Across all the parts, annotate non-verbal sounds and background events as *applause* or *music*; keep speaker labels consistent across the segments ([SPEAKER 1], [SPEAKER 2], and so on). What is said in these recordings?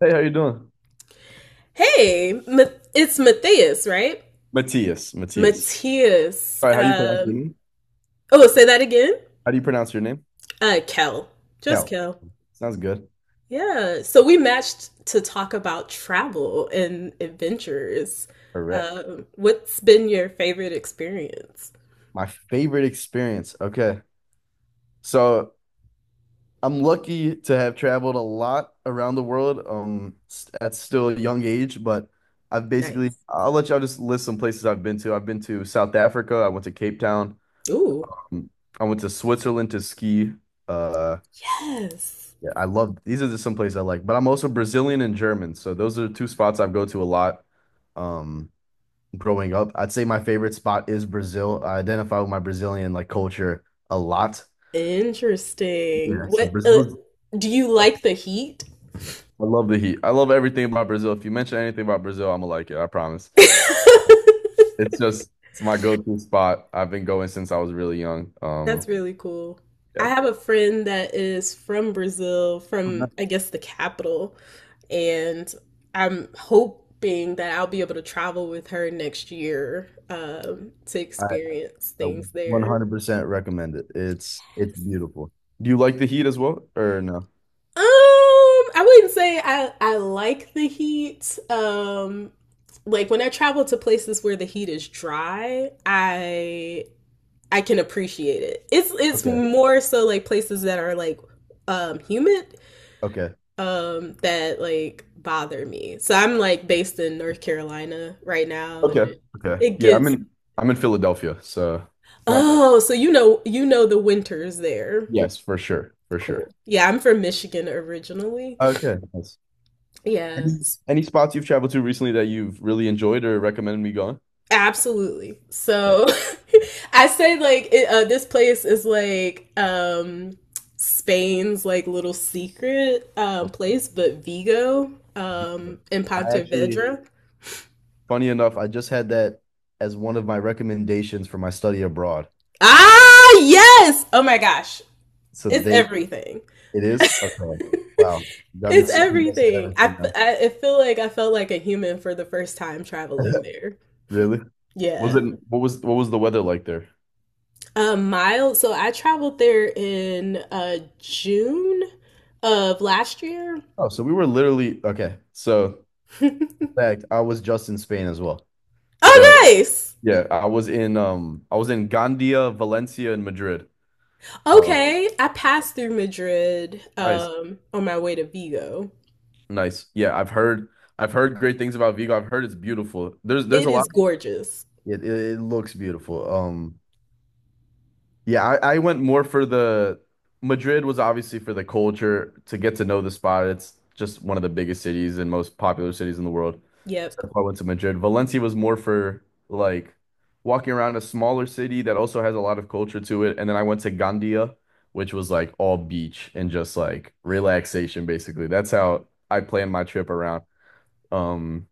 [SPEAKER 1] Hey, how you doing?
[SPEAKER 2] Hey, Ma- it's Matthias, right?
[SPEAKER 1] Matthias, Matthias.
[SPEAKER 2] Matthias.
[SPEAKER 1] All right, how do you pronounce your name?
[SPEAKER 2] Oh, say that again.
[SPEAKER 1] How do you pronounce your name?
[SPEAKER 2] Kel. Just
[SPEAKER 1] Kel.
[SPEAKER 2] Kel.
[SPEAKER 1] Sounds good.
[SPEAKER 2] Yeah. So we matched to talk about travel and adventures.
[SPEAKER 1] Correct.
[SPEAKER 2] What's been your favorite experience?
[SPEAKER 1] My favorite experience. Okay. So I'm lucky to have traveled a lot around the world at still a young age, but
[SPEAKER 2] Nice.
[SPEAKER 1] I'll let y'all just list some places I've been to. I've been to South Africa, I went to Cape Town,
[SPEAKER 2] Ooh.
[SPEAKER 1] um, I went to Switzerland to ski. Uh
[SPEAKER 2] Yes.
[SPEAKER 1] yeah, I love these are just some places I like, but I'm also Brazilian and German, so those are two spots I go to a lot. Um growing up. I'd say my favorite spot is Brazil. I identify with my Brazilian like culture a lot.
[SPEAKER 2] Interesting.
[SPEAKER 1] Yeah, so
[SPEAKER 2] What
[SPEAKER 1] Brazil.
[SPEAKER 2] do you
[SPEAKER 1] I
[SPEAKER 2] like the heat?
[SPEAKER 1] love the heat. I love everything about Brazil. If you mention anything about Brazil, I'm gonna like it. I promise.
[SPEAKER 2] *laughs*
[SPEAKER 1] It's just it's my go-to spot. I've been going since I was really young.
[SPEAKER 2] That's really cool. I
[SPEAKER 1] Yeah.
[SPEAKER 2] have a friend that is from Brazil, from I guess the capital, and I'm hoping that I'll be able to travel with her next year to
[SPEAKER 1] I,
[SPEAKER 2] experience
[SPEAKER 1] I
[SPEAKER 2] things there.
[SPEAKER 1] 100% recommend it. It's beautiful. Do you like the heat as well, or no?
[SPEAKER 2] Um, I wouldn't say I like the heat. Like when I travel to places where the heat is dry, I can appreciate it. It's
[SPEAKER 1] Okay,
[SPEAKER 2] more so like places that are like humid,
[SPEAKER 1] okay,
[SPEAKER 2] that like bother me. So I'm like based in North Carolina right now and
[SPEAKER 1] okay,
[SPEAKER 2] it,
[SPEAKER 1] okay.
[SPEAKER 2] it
[SPEAKER 1] Yeah,
[SPEAKER 2] gets,
[SPEAKER 1] I'm in Philadelphia, so not
[SPEAKER 2] oh, so you know the winters there.
[SPEAKER 1] yes, for sure, for sure.
[SPEAKER 2] Cool. Yeah, I'm from Michigan originally.
[SPEAKER 1] Okay. Nice.
[SPEAKER 2] Yeah.
[SPEAKER 1] Any any spots you've traveled to recently that you've really enjoyed or recommended me going?
[SPEAKER 2] Absolutely.
[SPEAKER 1] Yeah.
[SPEAKER 2] So *laughs* I say like it, this place is like Spain's like little secret
[SPEAKER 1] Okay.
[SPEAKER 2] place, but Vigo
[SPEAKER 1] Beautiful.
[SPEAKER 2] in
[SPEAKER 1] I actually,
[SPEAKER 2] Pontevedra.
[SPEAKER 1] funny enough, I just had that as one of my recommendations for my study abroad.
[SPEAKER 2] Ah, yes. Oh my gosh.
[SPEAKER 1] So
[SPEAKER 2] It's
[SPEAKER 1] they,
[SPEAKER 2] everything.
[SPEAKER 1] it is? Okay. Wow. You got me
[SPEAKER 2] It's
[SPEAKER 1] second guessing
[SPEAKER 2] everything. I,
[SPEAKER 1] everything now.
[SPEAKER 2] I I feel like I felt like a human for the first time traveling there.
[SPEAKER 1] Really? Was
[SPEAKER 2] Yeah.
[SPEAKER 1] it what was the weather like there?
[SPEAKER 2] Miles. So I traveled there in June of last year.
[SPEAKER 1] Oh, so we were literally, okay. So,
[SPEAKER 2] *laughs*
[SPEAKER 1] in fact, I was just in Spain as well. So
[SPEAKER 2] Oh, nice.
[SPEAKER 1] yeah, I was in Gandia, Valencia, and Madrid. Um,
[SPEAKER 2] Okay, I passed through Madrid
[SPEAKER 1] Nice.
[SPEAKER 2] on my way to Vigo.
[SPEAKER 1] Nice. Yeah, I've heard great things about Vigo. I've heard it's beautiful. There's
[SPEAKER 2] It
[SPEAKER 1] a
[SPEAKER 2] is
[SPEAKER 1] lot.
[SPEAKER 2] gorgeous.
[SPEAKER 1] It looks beautiful. Yeah, I went more for the Madrid was obviously for the culture to get to know the spot. It's just one of the biggest cities and most popular cities in the world. So
[SPEAKER 2] Yep.
[SPEAKER 1] that's why I went to Madrid. Valencia was more for like walking around a smaller city that also has a lot of culture to it. And then I went to Gandia, which was like all beach and just like relaxation, basically. That's how I planned my trip around. Um,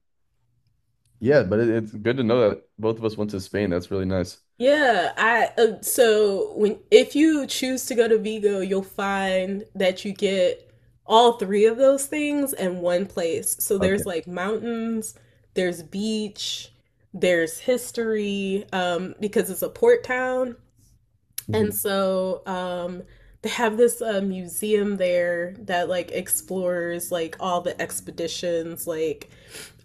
[SPEAKER 1] Yeah, but it's good to know that both of us went to Spain. That's really nice.
[SPEAKER 2] Yeah, I so when if you choose to go to Vigo, you'll find that you get all three of those things in one place. So there's
[SPEAKER 1] Okay.
[SPEAKER 2] like mountains, there's beach, there's history, because it's a port town. And
[SPEAKER 1] Mhm.
[SPEAKER 2] so they have this museum there that like explores like all the expeditions like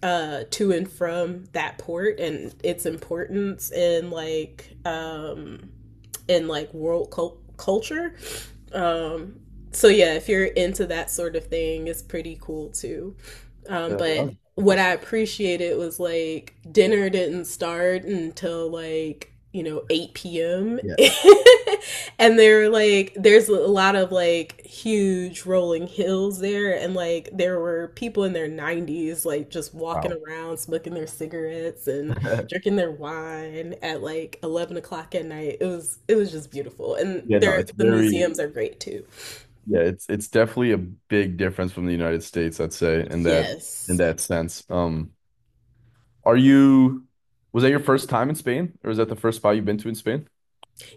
[SPEAKER 2] to and from that port and its importance in like world culture um, so yeah, if you're into that sort of thing, it's pretty cool too.
[SPEAKER 1] Yeah, that
[SPEAKER 2] But
[SPEAKER 1] sounds
[SPEAKER 2] what I
[SPEAKER 1] interesting.
[SPEAKER 2] appreciated was like dinner didn't start until like you know 8 p.m.
[SPEAKER 1] Yeah.
[SPEAKER 2] *laughs* And they're like there's a lot of like huge rolling hills there and like there were people in their 90s like just walking
[SPEAKER 1] Wow.
[SPEAKER 2] around smoking their cigarettes and
[SPEAKER 1] *laughs*
[SPEAKER 2] drinking their wine at like 11 o'clock at night. It was just beautiful. And
[SPEAKER 1] Yeah, no,
[SPEAKER 2] their
[SPEAKER 1] it's
[SPEAKER 2] the
[SPEAKER 1] very
[SPEAKER 2] museums are great too.
[SPEAKER 1] yeah, it's definitely a big difference from the United States, I'd say, in
[SPEAKER 2] Yes.
[SPEAKER 1] that sense. Are you was that your first time in Spain, or was that the first spot you've been to in Spain?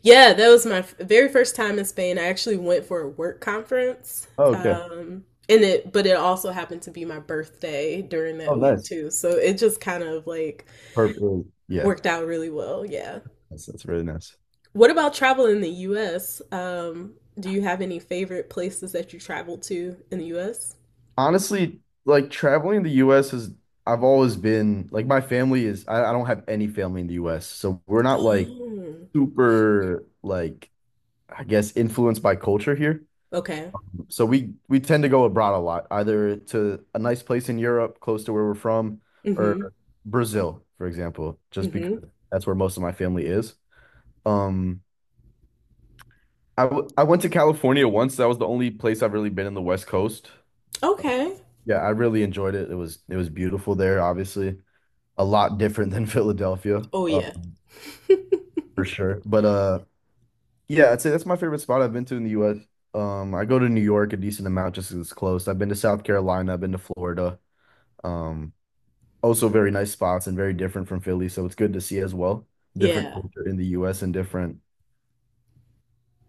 [SPEAKER 2] Yeah, that was my very first time in Spain. I actually went for a work conference.
[SPEAKER 1] Oh, okay.
[SPEAKER 2] And it but it also happened to be my birthday during
[SPEAKER 1] Oh,
[SPEAKER 2] that week
[SPEAKER 1] nice.
[SPEAKER 2] too. So it just kind of like
[SPEAKER 1] Perfect. Yeah,
[SPEAKER 2] worked out really well. Yeah.
[SPEAKER 1] that's really nice.
[SPEAKER 2] What about travel in the US? Do you have any favorite places that you traveled to in the US?
[SPEAKER 1] Honestly, like traveling in the US is I've always been like my family is I don't have any family in the US, so we're not like
[SPEAKER 2] Oh,
[SPEAKER 1] super like I guess influenced by culture here.
[SPEAKER 2] okay.
[SPEAKER 1] So we tend to go abroad a lot, either to a nice place in Europe close to where we're from,
[SPEAKER 2] Mm-hmm.
[SPEAKER 1] or Brazil, for example, just because
[SPEAKER 2] Mm-hmm.
[SPEAKER 1] that's where most of my family is. Um, I went to California once. That was the only place I've really been in the West Coast.
[SPEAKER 2] Okay.
[SPEAKER 1] Yeah, I really enjoyed it. It was beautiful there, obviously. A lot different than *laughs* Philadelphia,
[SPEAKER 2] Oh yeah. *laughs*
[SPEAKER 1] for sure. But Yeah, I'd say that's my favorite spot I've been to in the US. I go to New York a decent amount just 'cause it's close. I've been to South Carolina, I've been to Florida. Um, also very nice spots and very different from Philly, so it's good to see as well. Different
[SPEAKER 2] Yeah.
[SPEAKER 1] culture in the US and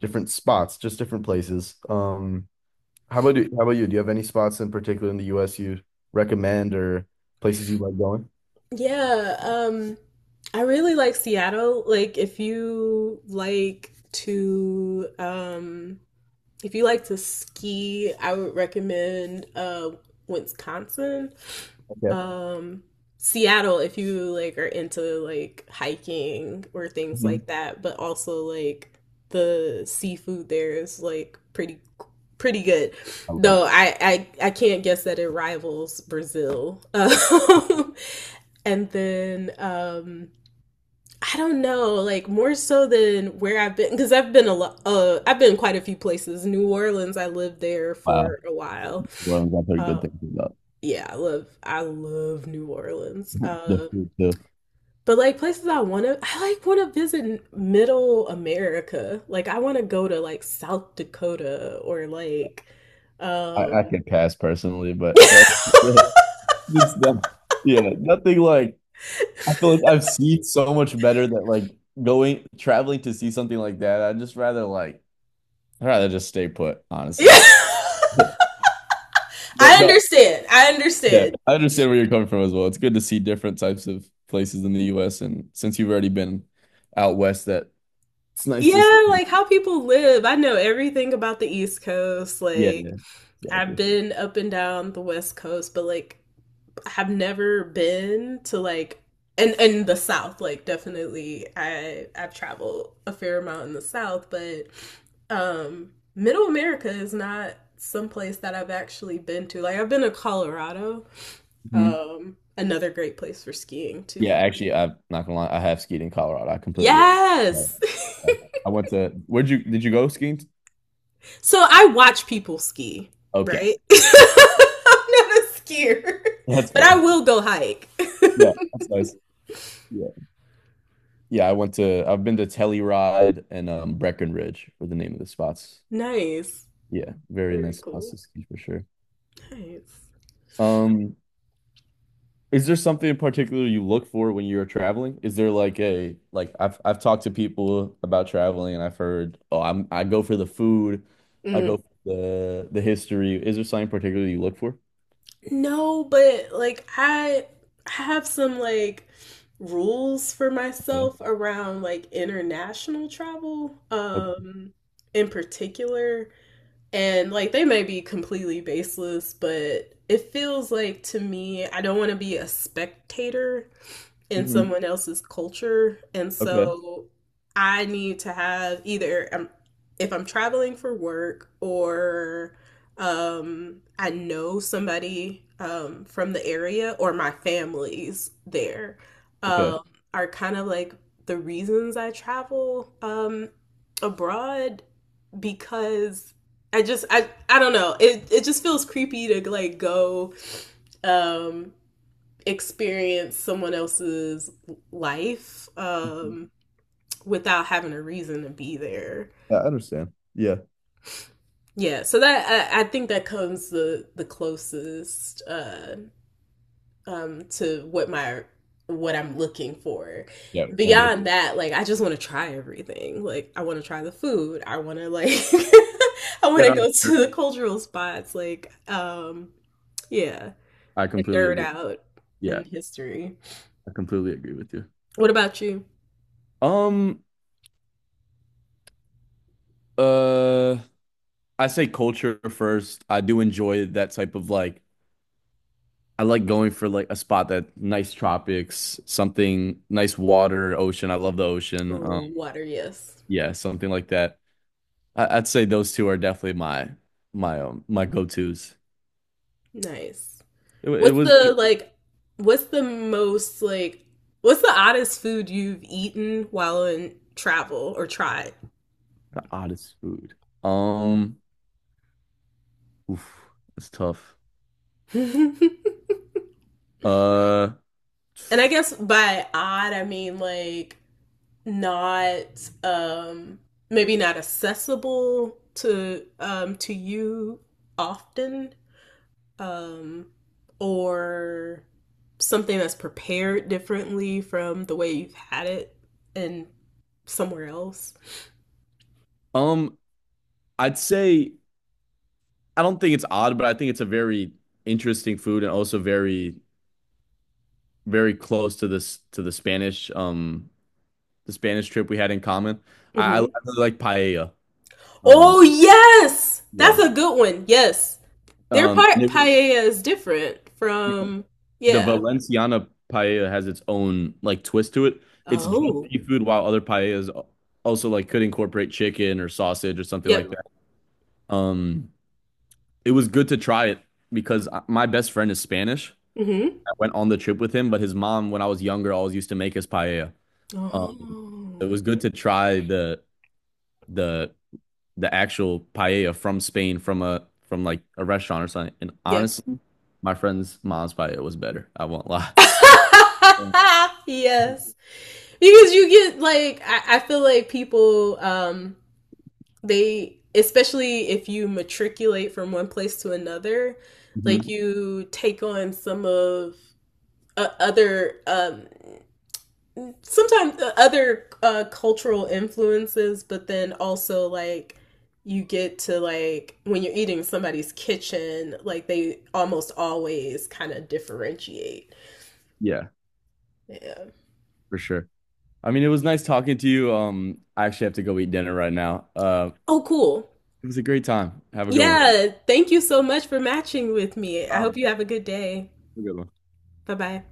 [SPEAKER 1] different spots, just different places. How about you, how about you? Do you have any spots in particular in the US you recommend or places you like going?
[SPEAKER 2] Yeah. I really like Seattle. Like if you like to if you like to ski, I would recommend Wisconsin.
[SPEAKER 1] Okay.
[SPEAKER 2] Um, Seattle, if you like are into like hiking or things
[SPEAKER 1] Mhm.
[SPEAKER 2] like that, but also like the seafood there is like pretty good.
[SPEAKER 1] I love
[SPEAKER 2] Though
[SPEAKER 1] it.
[SPEAKER 2] I can't guess that it rivals Brazil. *laughs* And then I don't know, like more so than where I've been because I've been a lot. I've been quite a few places. New Orleans, I lived there
[SPEAKER 1] Wow.
[SPEAKER 2] for a while.
[SPEAKER 1] New Orleans, I've heard good
[SPEAKER 2] Uh,
[SPEAKER 1] things about
[SPEAKER 2] yeah, I love New Orleans.
[SPEAKER 1] *laughs* the food too.
[SPEAKER 2] But like places I like want to visit Middle America. Like I want to go to like South Dakota or like,
[SPEAKER 1] I
[SPEAKER 2] um,
[SPEAKER 1] could pass personally, but that's
[SPEAKER 2] *laughs*
[SPEAKER 1] *laughs* Just that, yeah, nothing like I feel like I've seen so much better that like going traveling to see something like that. I'd rather just stay put, honestly.
[SPEAKER 2] yeah.
[SPEAKER 1] *laughs* Yeah,
[SPEAKER 2] I
[SPEAKER 1] But no,
[SPEAKER 2] understand. I
[SPEAKER 1] yeah,
[SPEAKER 2] understand.
[SPEAKER 1] I understand where you're coming from as well. It's good to see different types of places in the US and since you've already been out west that it's nice to see.
[SPEAKER 2] Yeah, like how people live. I know everything about the East Coast.
[SPEAKER 1] Yeah, yeah,
[SPEAKER 2] Like I've
[SPEAKER 1] exactly.
[SPEAKER 2] been up and down the West Coast, but like have never been to like and the South. Like definitely, I've traveled a fair amount in the South, but Middle America is not someplace that I've actually been to. Like I've been to Colorado,
[SPEAKER 1] Hmm.
[SPEAKER 2] another great place for skiing
[SPEAKER 1] Yeah,
[SPEAKER 2] too.
[SPEAKER 1] actually I'm not gonna lie, I have skied in Colorado.
[SPEAKER 2] Yes.
[SPEAKER 1] I went to where'd you did you go skiing?
[SPEAKER 2] *laughs* So I watch people ski,
[SPEAKER 1] Okay.
[SPEAKER 2] right? *laughs*
[SPEAKER 1] That's fair.
[SPEAKER 2] I'm not a skier,
[SPEAKER 1] That's
[SPEAKER 2] but
[SPEAKER 1] fair.
[SPEAKER 2] I will go hike. *laughs*
[SPEAKER 1] Yeah, that's nice. Yeah. I've been to Telluride and Breckenridge were the name of the spots.
[SPEAKER 2] Nice.
[SPEAKER 1] Yeah, very nice
[SPEAKER 2] Very
[SPEAKER 1] spots
[SPEAKER 2] cool.
[SPEAKER 1] to ski for sure.
[SPEAKER 2] Nice.
[SPEAKER 1] Um, is there something in particular you look for when you're traveling? Is there like a like I've talked to people about traveling and I've heard, oh, I go for the food, I go
[SPEAKER 2] Mm.
[SPEAKER 1] for the history. Is there something in particular you look for?
[SPEAKER 2] No, but like I have some like rules for
[SPEAKER 1] Okay.
[SPEAKER 2] myself around like international travel
[SPEAKER 1] Okay.
[SPEAKER 2] in particular and like they may be completely baseless but it feels like to me I don't want to be a spectator in
[SPEAKER 1] Hmm.
[SPEAKER 2] someone else's culture. And
[SPEAKER 1] Okay.
[SPEAKER 2] so I need to have either if I'm traveling for work or I know somebody from the area or my family's there
[SPEAKER 1] Okay.
[SPEAKER 2] um, are kind of like the reasons I travel abroad because I just I don't know it just feels creepy to like go um experience someone else's life without having a reason to be there.
[SPEAKER 1] I understand. Yeah.
[SPEAKER 2] Yeah, so that I think that comes the closest to what my what I'm looking for.
[SPEAKER 1] Yeah. Ambitious.
[SPEAKER 2] Beyond that, like I just want to try everything. Like I want to try the food. I want to like *laughs* I want
[SPEAKER 1] Yeah,
[SPEAKER 2] to
[SPEAKER 1] no,
[SPEAKER 2] go
[SPEAKER 1] that's fair.
[SPEAKER 2] to the cultural spots. Like yeah,
[SPEAKER 1] I
[SPEAKER 2] and
[SPEAKER 1] completely
[SPEAKER 2] nerd
[SPEAKER 1] agree.
[SPEAKER 2] out in
[SPEAKER 1] Yeah.
[SPEAKER 2] history.
[SPEAKER 1] I completely agree with you.
[SPEAKER 2] What about you?
[SPEAKER 1] Um, uh, I say culture first. I do enjoy that type of like I like going for like a spot that nice tropics, something nice water, ocean. I love the ocean.
[SPEAKER 2] Ooh, water, yes.
[SPEAKER 1] Yeah, something like that. I'd say those two are definitely my my go-tos.
[SPEAKER 2] Nice.
[SPEAKER 1] It, it
[SPEAKER 2] What's
[SPEAKER 1] was
[SPEAKER 2] the like what's the most like what's the oddest food you've eaten while in travel or tried?
[SPEAKER 1] the oddest food. Um, oof, that's tough.
[SPEAKER 2] *laughs* And
[SPEAKER 1] Uh,
[SPEAKER 2] I guess by odd I mean like not um maybe not accessible to you often um or something that's prepared differently from the way you've had it in somewhere else.
[SPEAKER 1] um, I'd say. I don't think it's odd, but I think it's a very interesting food and also very, very close to this to the Spanish trip we had in common. I
[SPEAKER 2] Mhm.
[SPEAKER 1] really like paella. Um,
[SPEAKER 2] Oh yes, that's
[SPEAKER 1] yeah.
[SPEAKER 2] a good one. Yes, their
[SPEAKER 1] And it was
[SPEAKER 2] paella is different
[SPEAKER 1] yeah,
[SPEAKER 2] from
[SPEAKER 1] the
[SPEAKER 2] yeah.
[SPEAKER 1] Valenciana paella has its own like twist to it. It's just
[SPEAKER 2] Oh,
[SPEAKER 1] seafood, while other paellas also like could incorporate chicken or sausage or something like
[SPEAKER 2] yep.
[SPEAKER 1] that. Um, it was good to try it because I- my best friend is Spanish.
[SPEAKER 2] Mm-hmm.
[SPEAKER 1] I went on the trip with him, but his mom, when I was younger, always used to make us paella. Um, it
[SPEAKER 2] Oh,
[SPEAKER 1] was good to try the the actual paella from Spain from a from like a restaurant or something. And
[SPEAKER 2] yep.
[SPEAKER 1] honestly, my friend's mom's paella was better. I won't lie. Hmm.
[SPEAKER 2] *laughs* Yes, because you get like I feel like people they especially if you matriculate from one place to another, like you take on some of other sometimes other cultural influences, but then also like you get to like when you're eating somebody's kitchen, like they almost always kind of differentiate.
[SPEAKER 1] Yeah,
[SPEAKER 2] Yeah.
[SPEAKER 1] for sure. I mean, it was nice talking to you. I actually have to go eat dinner right now.
[SPEAKER 2] Oh, cool.
[SPEAKER 1] It was a great time. Have a good one.
[SPEAKER 2] Yeah. Thank you so much for matching with me. I hope
[SPEAKER 1] Um,
[SPEAKER 2] you have a good day.
[SPEAKER 1] have a good one.
[SPEAKER 2] Bye bye.